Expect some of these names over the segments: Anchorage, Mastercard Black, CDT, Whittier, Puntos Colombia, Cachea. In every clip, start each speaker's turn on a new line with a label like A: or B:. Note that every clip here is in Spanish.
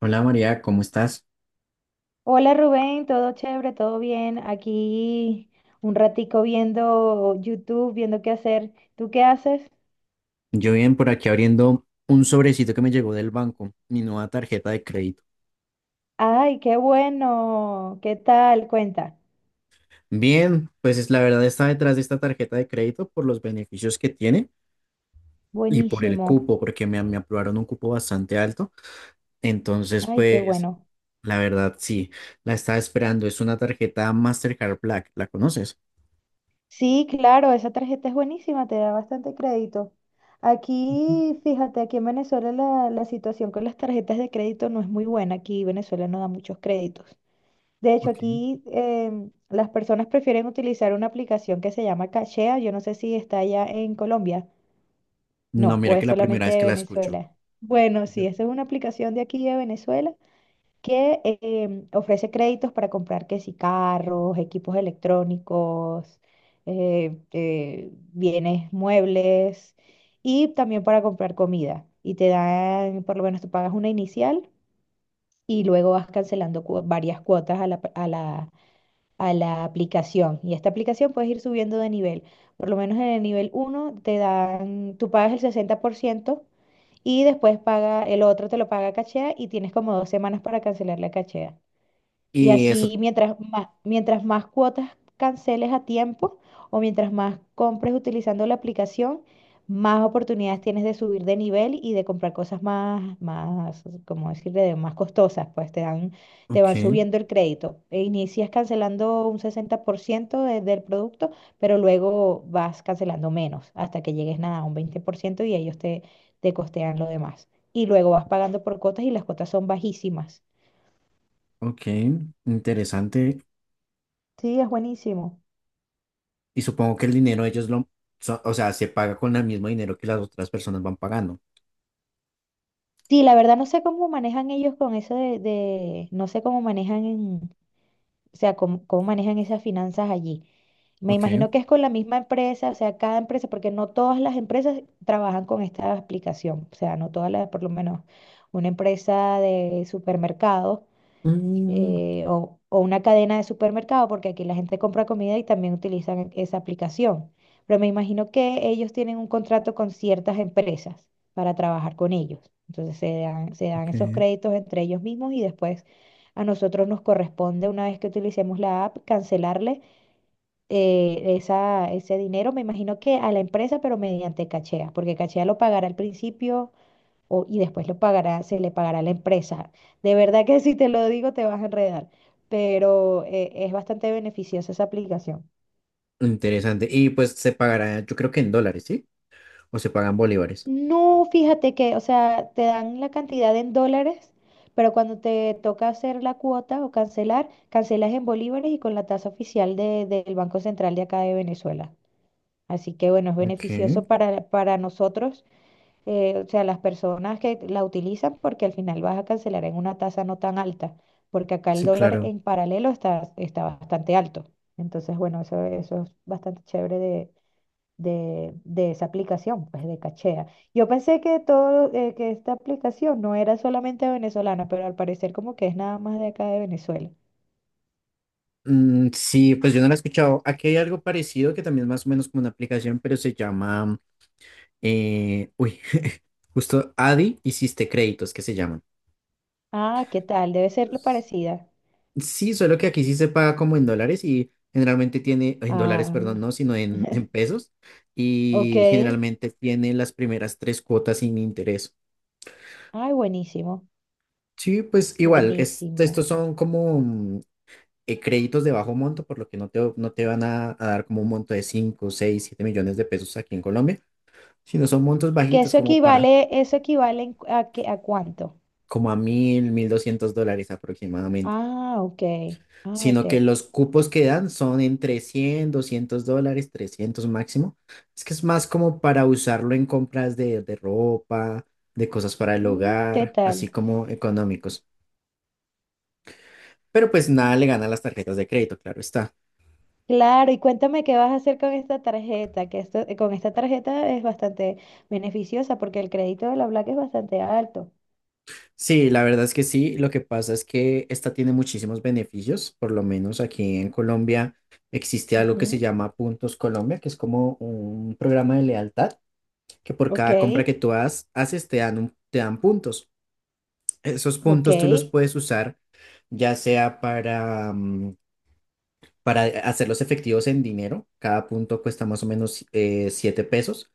A: Hola María, ¿cómo estás?
B: Hola Rubén, todo chévere, todo bien. Aquí un ratico viendo YouTube, viendo qué hacer. ¿Tú qué haces?
A: Yo bien por aquí abriendo un sobrecito que me llegó del banco, mi nueva tarjeta de crédito.
B: Ay, qué bueno. ¿Qué tal? Cuenta.
A: Bien, pues es la verdad está detrás de esta tarjeta de crédito por los beneficios que tiene y por el
B: Buenísimo.
A: cupo, porque me aprobaron un cupo bastante alto. Entonces,
B: Ay, qué
A: pues
B: bueno.
A: la verdad sí, la estaba esperando. Es una tarjeta Mastercard Black, ¿la conoces?
B: Sí, claro, esa tarjeta es buenísima, te da bastante crédito. Aquí, fíjate, aquí en Venezuela la situación con las tarjetas de crédito no es muy buena. Aquí Venezuela no da muchos créditos. De hecho,
A: Ok.
B: aquí las personas prefieren utilizar una aplicación que se llama Cachea. Yo no sé si está allá en Colombia.
A: No,
B: No, o
A: mira que
B: es
A: la primera
B: solamente
A: vez
B: de
A: que la escucho.
B: Venezuela. Bueno, sí, esa es una aplicación de aquí de Venezuela que ofrece créditos para comprar que sí, carros, equipos electrónicos, bienes muebles y también para comprar comida. Y te dan, por lo menos tú pagas una inicial y luego vas cancelando varias cuotas a la aplicación. Y esta aplicación puedes ir subiendo de nivel. Por lo menos en el nivel uno te dan, tú pagas el 60% y después paga, el otro te lo paga cachea y tienes como 2 semanas para cancelar la cachea. Y
A: Y eso,
B: así, mientras más cuotas canceles a tiempo o mientras más compres utilizando la aplicación, más oportunidades tienes de subir de nivel y de comprar cosas más, más, como decirle, de más costosas, pues te dan, te van
A: ok,
B: subiendo el crédito. E inicias cancelando un 60% del producto, pero luego vas cancelando menos hasta que llegues nada, a un 20% y ellos te, te costean lo demás. Y luego vas pagando por cuotas y las cuotas son bajísimas.
A: ok, interesante.
B: Sí, es buenísimo.
A: Y supongo que el dinero ellos lo, o sea, se paga con el mismo dinero que las otras personas van pagando.
B: Sí, la verdad no sé cómo manejan ellos con eso no sé cómo manejan, o sea, cómo, cómo manejan esas finanzas allí. Me
A: Ok.
B: imagino que es con la misma empresa, o sea, cada empresa, porque no todas las empresas trabajan con esta aplicación, o sea, no todas las, por lo menos una empresa de supermercados
A: Mm,
B: o una cadena de supermercado, porque aquí la gente compra comida y también utilizan esa aplicación. Pero me imagino que ellos tienen un contrato con ciertas empresas para trabajar con ellos. Entonces se dan esos
A: ok.
B: créditos entre ellos mismos y después a nosotros nos corresponde, una vez que utilicemos la app, cancelarle esa, ese dinero, me imagino que a la empresa, pero mediante cachea, porque cachea lo pagará al principio y después lo pagará, se le pagará a la empresa. De verdad que si te lo digo te vas a enredar, pero es bastante beneficiosa esa aplicación.
A: Interesante. Y pues se pagará, yo creo que en dólares, ¿sí? O se pagan bolívares.
B: No, fíjate que, o sea, te dan la cantidad en dólares, pero cuando te toca hacer la cuota o cancelar, cancelas en bolívares y con la tasa oficial del Banco Central de acá de Venezuela. Así que bueno, es
A: Ok.
B: beneficioso para nosotros o sea, las personas que la utilizan porque al final vas a cancelar en una tasa no tan alta, porque acá el
A: Sí,
B: dólar
A: claro.
B: en paralelo está, está bastante alto. Entonces, bueno, eso es bastante chévere de esa aplicación, pues de Cachea. Yo pensé que todo, que esta aplicación no era solamente venezolana, pero al parecer como que es nada más de acá de Venezuela.
A: Mm, sí, pues yo no lo he escuchado. Aquí hay algo parecido que también es más o menos como una aplicación, pero se llama, uy, justo Adi Hiciste Créditos, que se llaman.
B: Ah, ¿qué tal? Debe ser parecida.
A: Sí, solo que aquí sí se paga como en dólares y generalmente tiene, en dólares,
B: Ah,
A: perdón, no, sino en pesos
B: ok.
A: y
B: Ay,
A: generalmente tiene las primeras tres cuotas sin interés.
B: buenísimo,
A: Sí, pues igual,
B: buenísimo.
A: estos son como créditos de bajo monto, por lo que no te van a dar como un monto de 5, 6, 7 millones de pesos aquí en Colombia, sino son montos
B: Que
A: bajitos como para,
B: eso equivale a, a cuánto.
A: como a 1000, 1200 dólares aproximadamente.
B: Ah, ok. Ah, ok.
A: Sino que los cupos que dan son entre 100 200 dólares, 300 máximo. Es que es más como para usarlo en compras de ropa, de cosas para el
B: Mm, ¿qué
A: hogar, así
B: tal?
A: como económicos. Pero pues nada le gana a las tarjetas de crédito, claro está.
B: Claro, y cuéntame qué vas a hacer con esta tarjeta, que esto, con esta tarjeta es bastante beneficiosa porque el crédito de la Black es bastante alto.
A: Sí, la verdad es que sí, lo que pasa es que esta tiene muchísimos beneficios, por lo menos aquí en Colombia existe algo que se
B: Ujú.
A: llama Puntos Colombia, que es como un programa de lealtad que por
B: Ok,
A: cada compra que tú haces te dan te dan puntos. Esos
B: ok.
A: puntos tú los puedes usar ya sea para hacerlos efectivos en dinero, cada punto cuesta más o menos 7 pesos,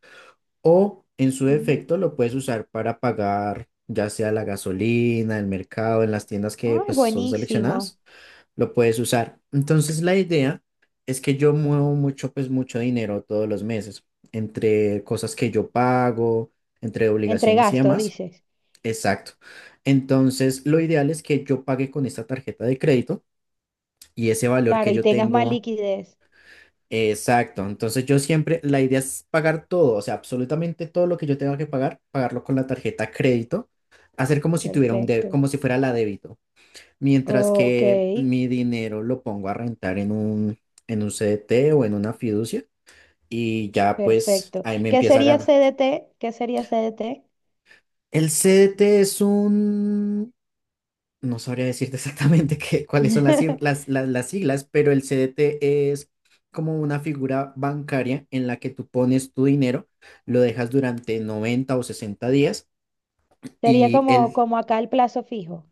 A: o en su
B: Ujú.
A: defecto lo puedes usar para pagar ya sea la gasolina, el mercado, en las tiendas que
B: Ay,
A: pues, son
B: buenísimo.
A: seleccionadas, lo puedes usar. Entonces la idea es que yo muevo mucho, pues mucho dinero todos los meses, entre cosas que yo pago, entre
B: Entre
A: obligaciones y
B: gastos,
A: demás.
B: dices.
A: Exacto. Entonces, lo ideal es que yo pague con esta tarjeta de crédito y ese valor
B: Claro,
A: que
B: y
A: yo
B: tengas más
A: tengo.
B: liquidez.
A: Exacto. Entonces, yo siempre, la idea es pagar todo, o sea, absolutamente todo lo que yo tenga que pagar, pagarlo con la tarjeta crédito, hacer como si tuviera un débito,
B: Perfecto.
A: como si fuera la débito, mientras
B: Ok,
A: que mi dinero lo pongo a rentar en un, CDT o en una fiducia y ya pues
B: perfecto.
A: ahí me
B: ¿Qué
A: empieza a
B: sería
A: ganar.
B: CDT? ¿Qué sería CDT?
A: El CDT es un. No sabría decirte exactamente cuáles son las, cif- las siglas, pero el CDT es como una figura bancaria en la que tú pones tu dinero, lo dejas durante 90 o 60 días.
B: Sería
A: y
B: como,
A: el...
B: como acá el plazo fijo.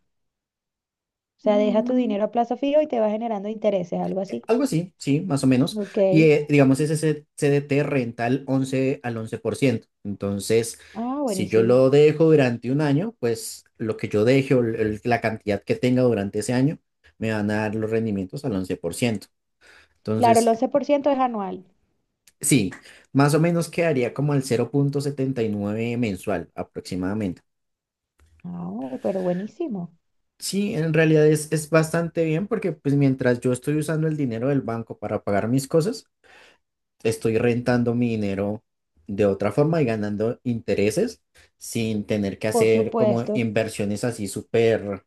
B: O sea, deja tu
A: mm,
B: dinero a plazo fijo y te va generando intereses, algo así.
A: Algo así, sí, más o menos.
B: Ok.
A: Y digamos, ese CDT renta al once por ciento. Entonces,
B: Ah,
A: si yo
B: buenísimo.
A: lo dejo durante un año, pues lo que yo deje o la cantidad que tenga durante ese año me van a dar los rendimientos al 11%.
B: Claro, el
A: Entonces,
B: 11% es anual.
A: sí, más o menos quedaría como al 0,79 mensual aproximadamente.
B: Ah, ok, pero buenísimo.
A: Sí, en realidad es bastante bien porque pues mientras yo estoy usando el dinero del banco para pagar mis cosas, estoy rentando mi dinero de otra forma y ganando intereses sin tener que
B: Por
A: hacer como
B: supuesto.
A: inversiones así súper,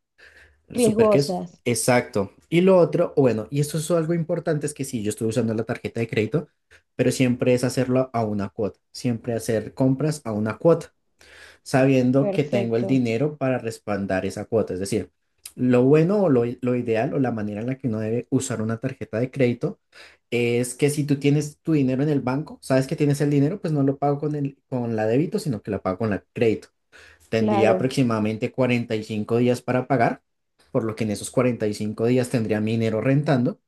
A: súper que es.
B: Riesgosas.
A: Exacto. Y lo otro, o bueno, y esto es algo importante, es que sí, yo estoy usando la tarjeta de crédito, pero siempre es hacerlo a una cuota, siempre hacer compras a una cuota. Sabiendo que tengo el
B: Perfecto.
A: dinero para respaldar esa cuota. Es decir, lo bueno o lo ideal o la manera en la que uno debe usar una tarjeta de crédito es que si tú tienes tu dinero en el banco, sabes que tienes el dinero, pues no lo pago con el, con la débito, sino que la pago con la crédito. Tendría
B: Claro.
A: aproximadamente 45 días para pagar, por lo que en esos 45 días tendría mi dinero rentando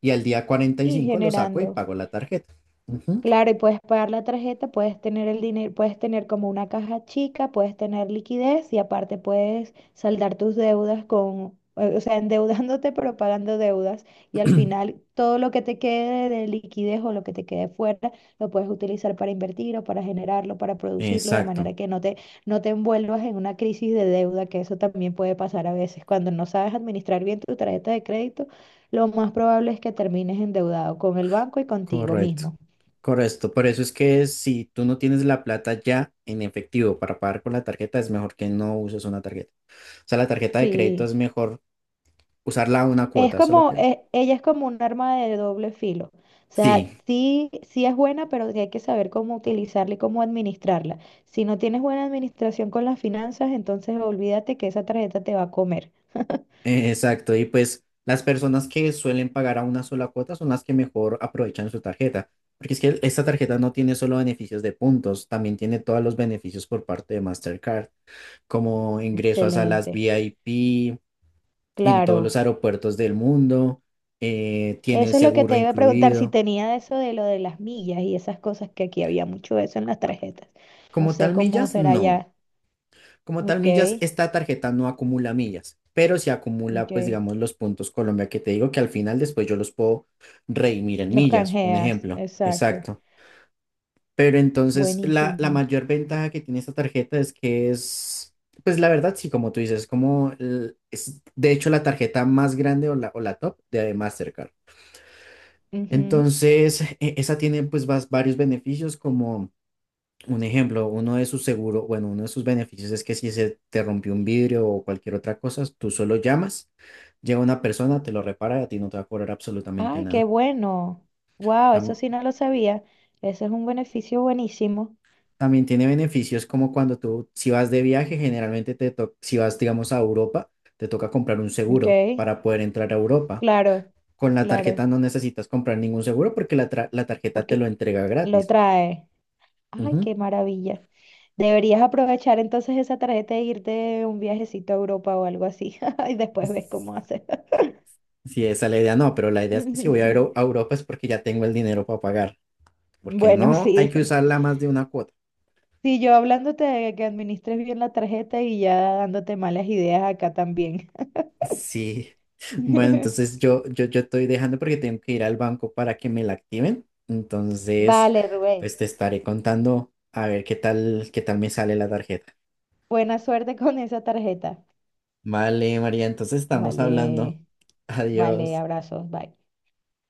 A: y al día
B: Y
A: 45 lo saco y
B: generando.
A: pago la tarjeta. Ujú.
B: Claro, y puedes pagar la tarjeta, puedes tener el dinero, puedes tener como una caja chica, puedes tener liquidez y aparte puedes saldar tus deudas con, o sea, endeudándote pero pagando deudas y al final todo lo que te quede de liquidez o lo que te quede fuera lo puedes utilizar para invertir o para generarlo, para producirlo de
A: Exacto.
B: manera que no te, no te envuelvas en una crisis de deuda, que eso también puede pasar a veces. Cuando no sabes administrar bien tu tarjeta de crédito, lo más probable es que termines endeudado con el banco y contigo
A: Correcto,
B: mismo.
A: correcto. Por eso es que si tú no tienes la plata ya en efectivo para pagar con la tarjeta, es mejor que no uses una tarjeta. O sea, la tarjeta de crédito es
B: Sí,
A: mejor usarla a una
B: es
A: cuota, eso es lo
B: como,
A: que...
B: ella es como un arma de doble filo. O sea,
A: Sí,
B: sí, sí es buena, pero sí hay que saber cómo utilizarla y cómo administrarla. Si no tienes buena administración con las finanzas, entonces olvídate que esa tarjeta te va a comer.
A: exacto. Y pues las personas que suelen pagar a una sola cuota son las que mejor aprovechan su tarjeta. Porque es que esta tarjeta no tiene solo beneficios de puntos, también tiene todos los beneficios por parte de Mastercard, como ingreso a salas
B: Excelente.
A: VIP, en todos
B: Claro.
A: los aeropuertos del mundo, tiene el
B: Eso es lo que
A: seguro
B: te iba a preguntar, si
A: incluido.
B: tenía eso de lo de las millas y esas cosas, que aquí había mucho de eso en las tarjetas. No
A: Como
B: sé
A: tal
B: cómo
A: millas,
B: será
A: no.
B: ya.
A: Como tal
B: Ok,
A: millas, esta tarjeta no acumula millas, pero sí acumula, pues
B: ok.
A: digamos, los puntos Colombia que te digo que al final después yo los puedo redimir en
B: Los
A: millas, un
B: canjeas,
A: ejemplo.
B: exacto.
A: Exacto. Pero entonces la
B: Buenísimo.
A: mayor ventaja que tiene esta tarjeta es que es, pues la verdad, sí, como tú dices, como es de hecho la tarjeta más grande o la, top de Mastercard.
B: Ujú.
A: Entonces, esa tiene pues varios beneficios, como un ejemplo, uno de sus seguros, bueno, uno de sus beneficios es que si se te rompió un vidrio o cualquier otra cosa, tú solo llamas, llega una persona, te lo repara y a ti no te va a cobrar absolutamente
B: Ay, qué
A: nada.
B: bueno. Wow, eso
A: Tam-
B: sí no lo sabía. Ese es un beneficio buenísimo.
A: también tiene beneficios como cuando tú, si vas de viaje, generalmente si vas, digamos, a Europa, te toca comprar un
B: Ok,
A: seguro para poder entrar a Europa.
B: claro,
A: Con la tarjeta
B: claro,
A: no necesitas comprar ningún seguro porque la tarjeta te lo
B: porque
A: entrega
B: lo
A: gratis.
B: trae. Ay,
A: Ujú.
B: qué maravilla. Deberías aprovechar entonces esa tarjeta e irte un viajecito a Europa o algo así. Y después ves cómo haces.
A: Sí, esa es la idea, no, pero la idea es que si voy a ir a Europa es porque ya tengo el dinero para pagar, porque
B: Bueno,
A: no hay que
B: sí.
A: usarla más de una cuota.
B: Sí, yo hablándote de que administres bien la tarjeta y ya dándote malas ideas acá también.
A: Sí, bueno, entonces yo estoy dejando porque tengo que ir al banco para que me la activen, entonces
B: Vale,
A: pues
B: Rubén.
A: te estaré contando a ver qué tal me sale la tarjeta.
B: Buena suerte con esa tarjeta.
A: Vale, María, entonces estamos hablando.
B: Vale, vale,
A: Adiós.
B: abrazos, bye.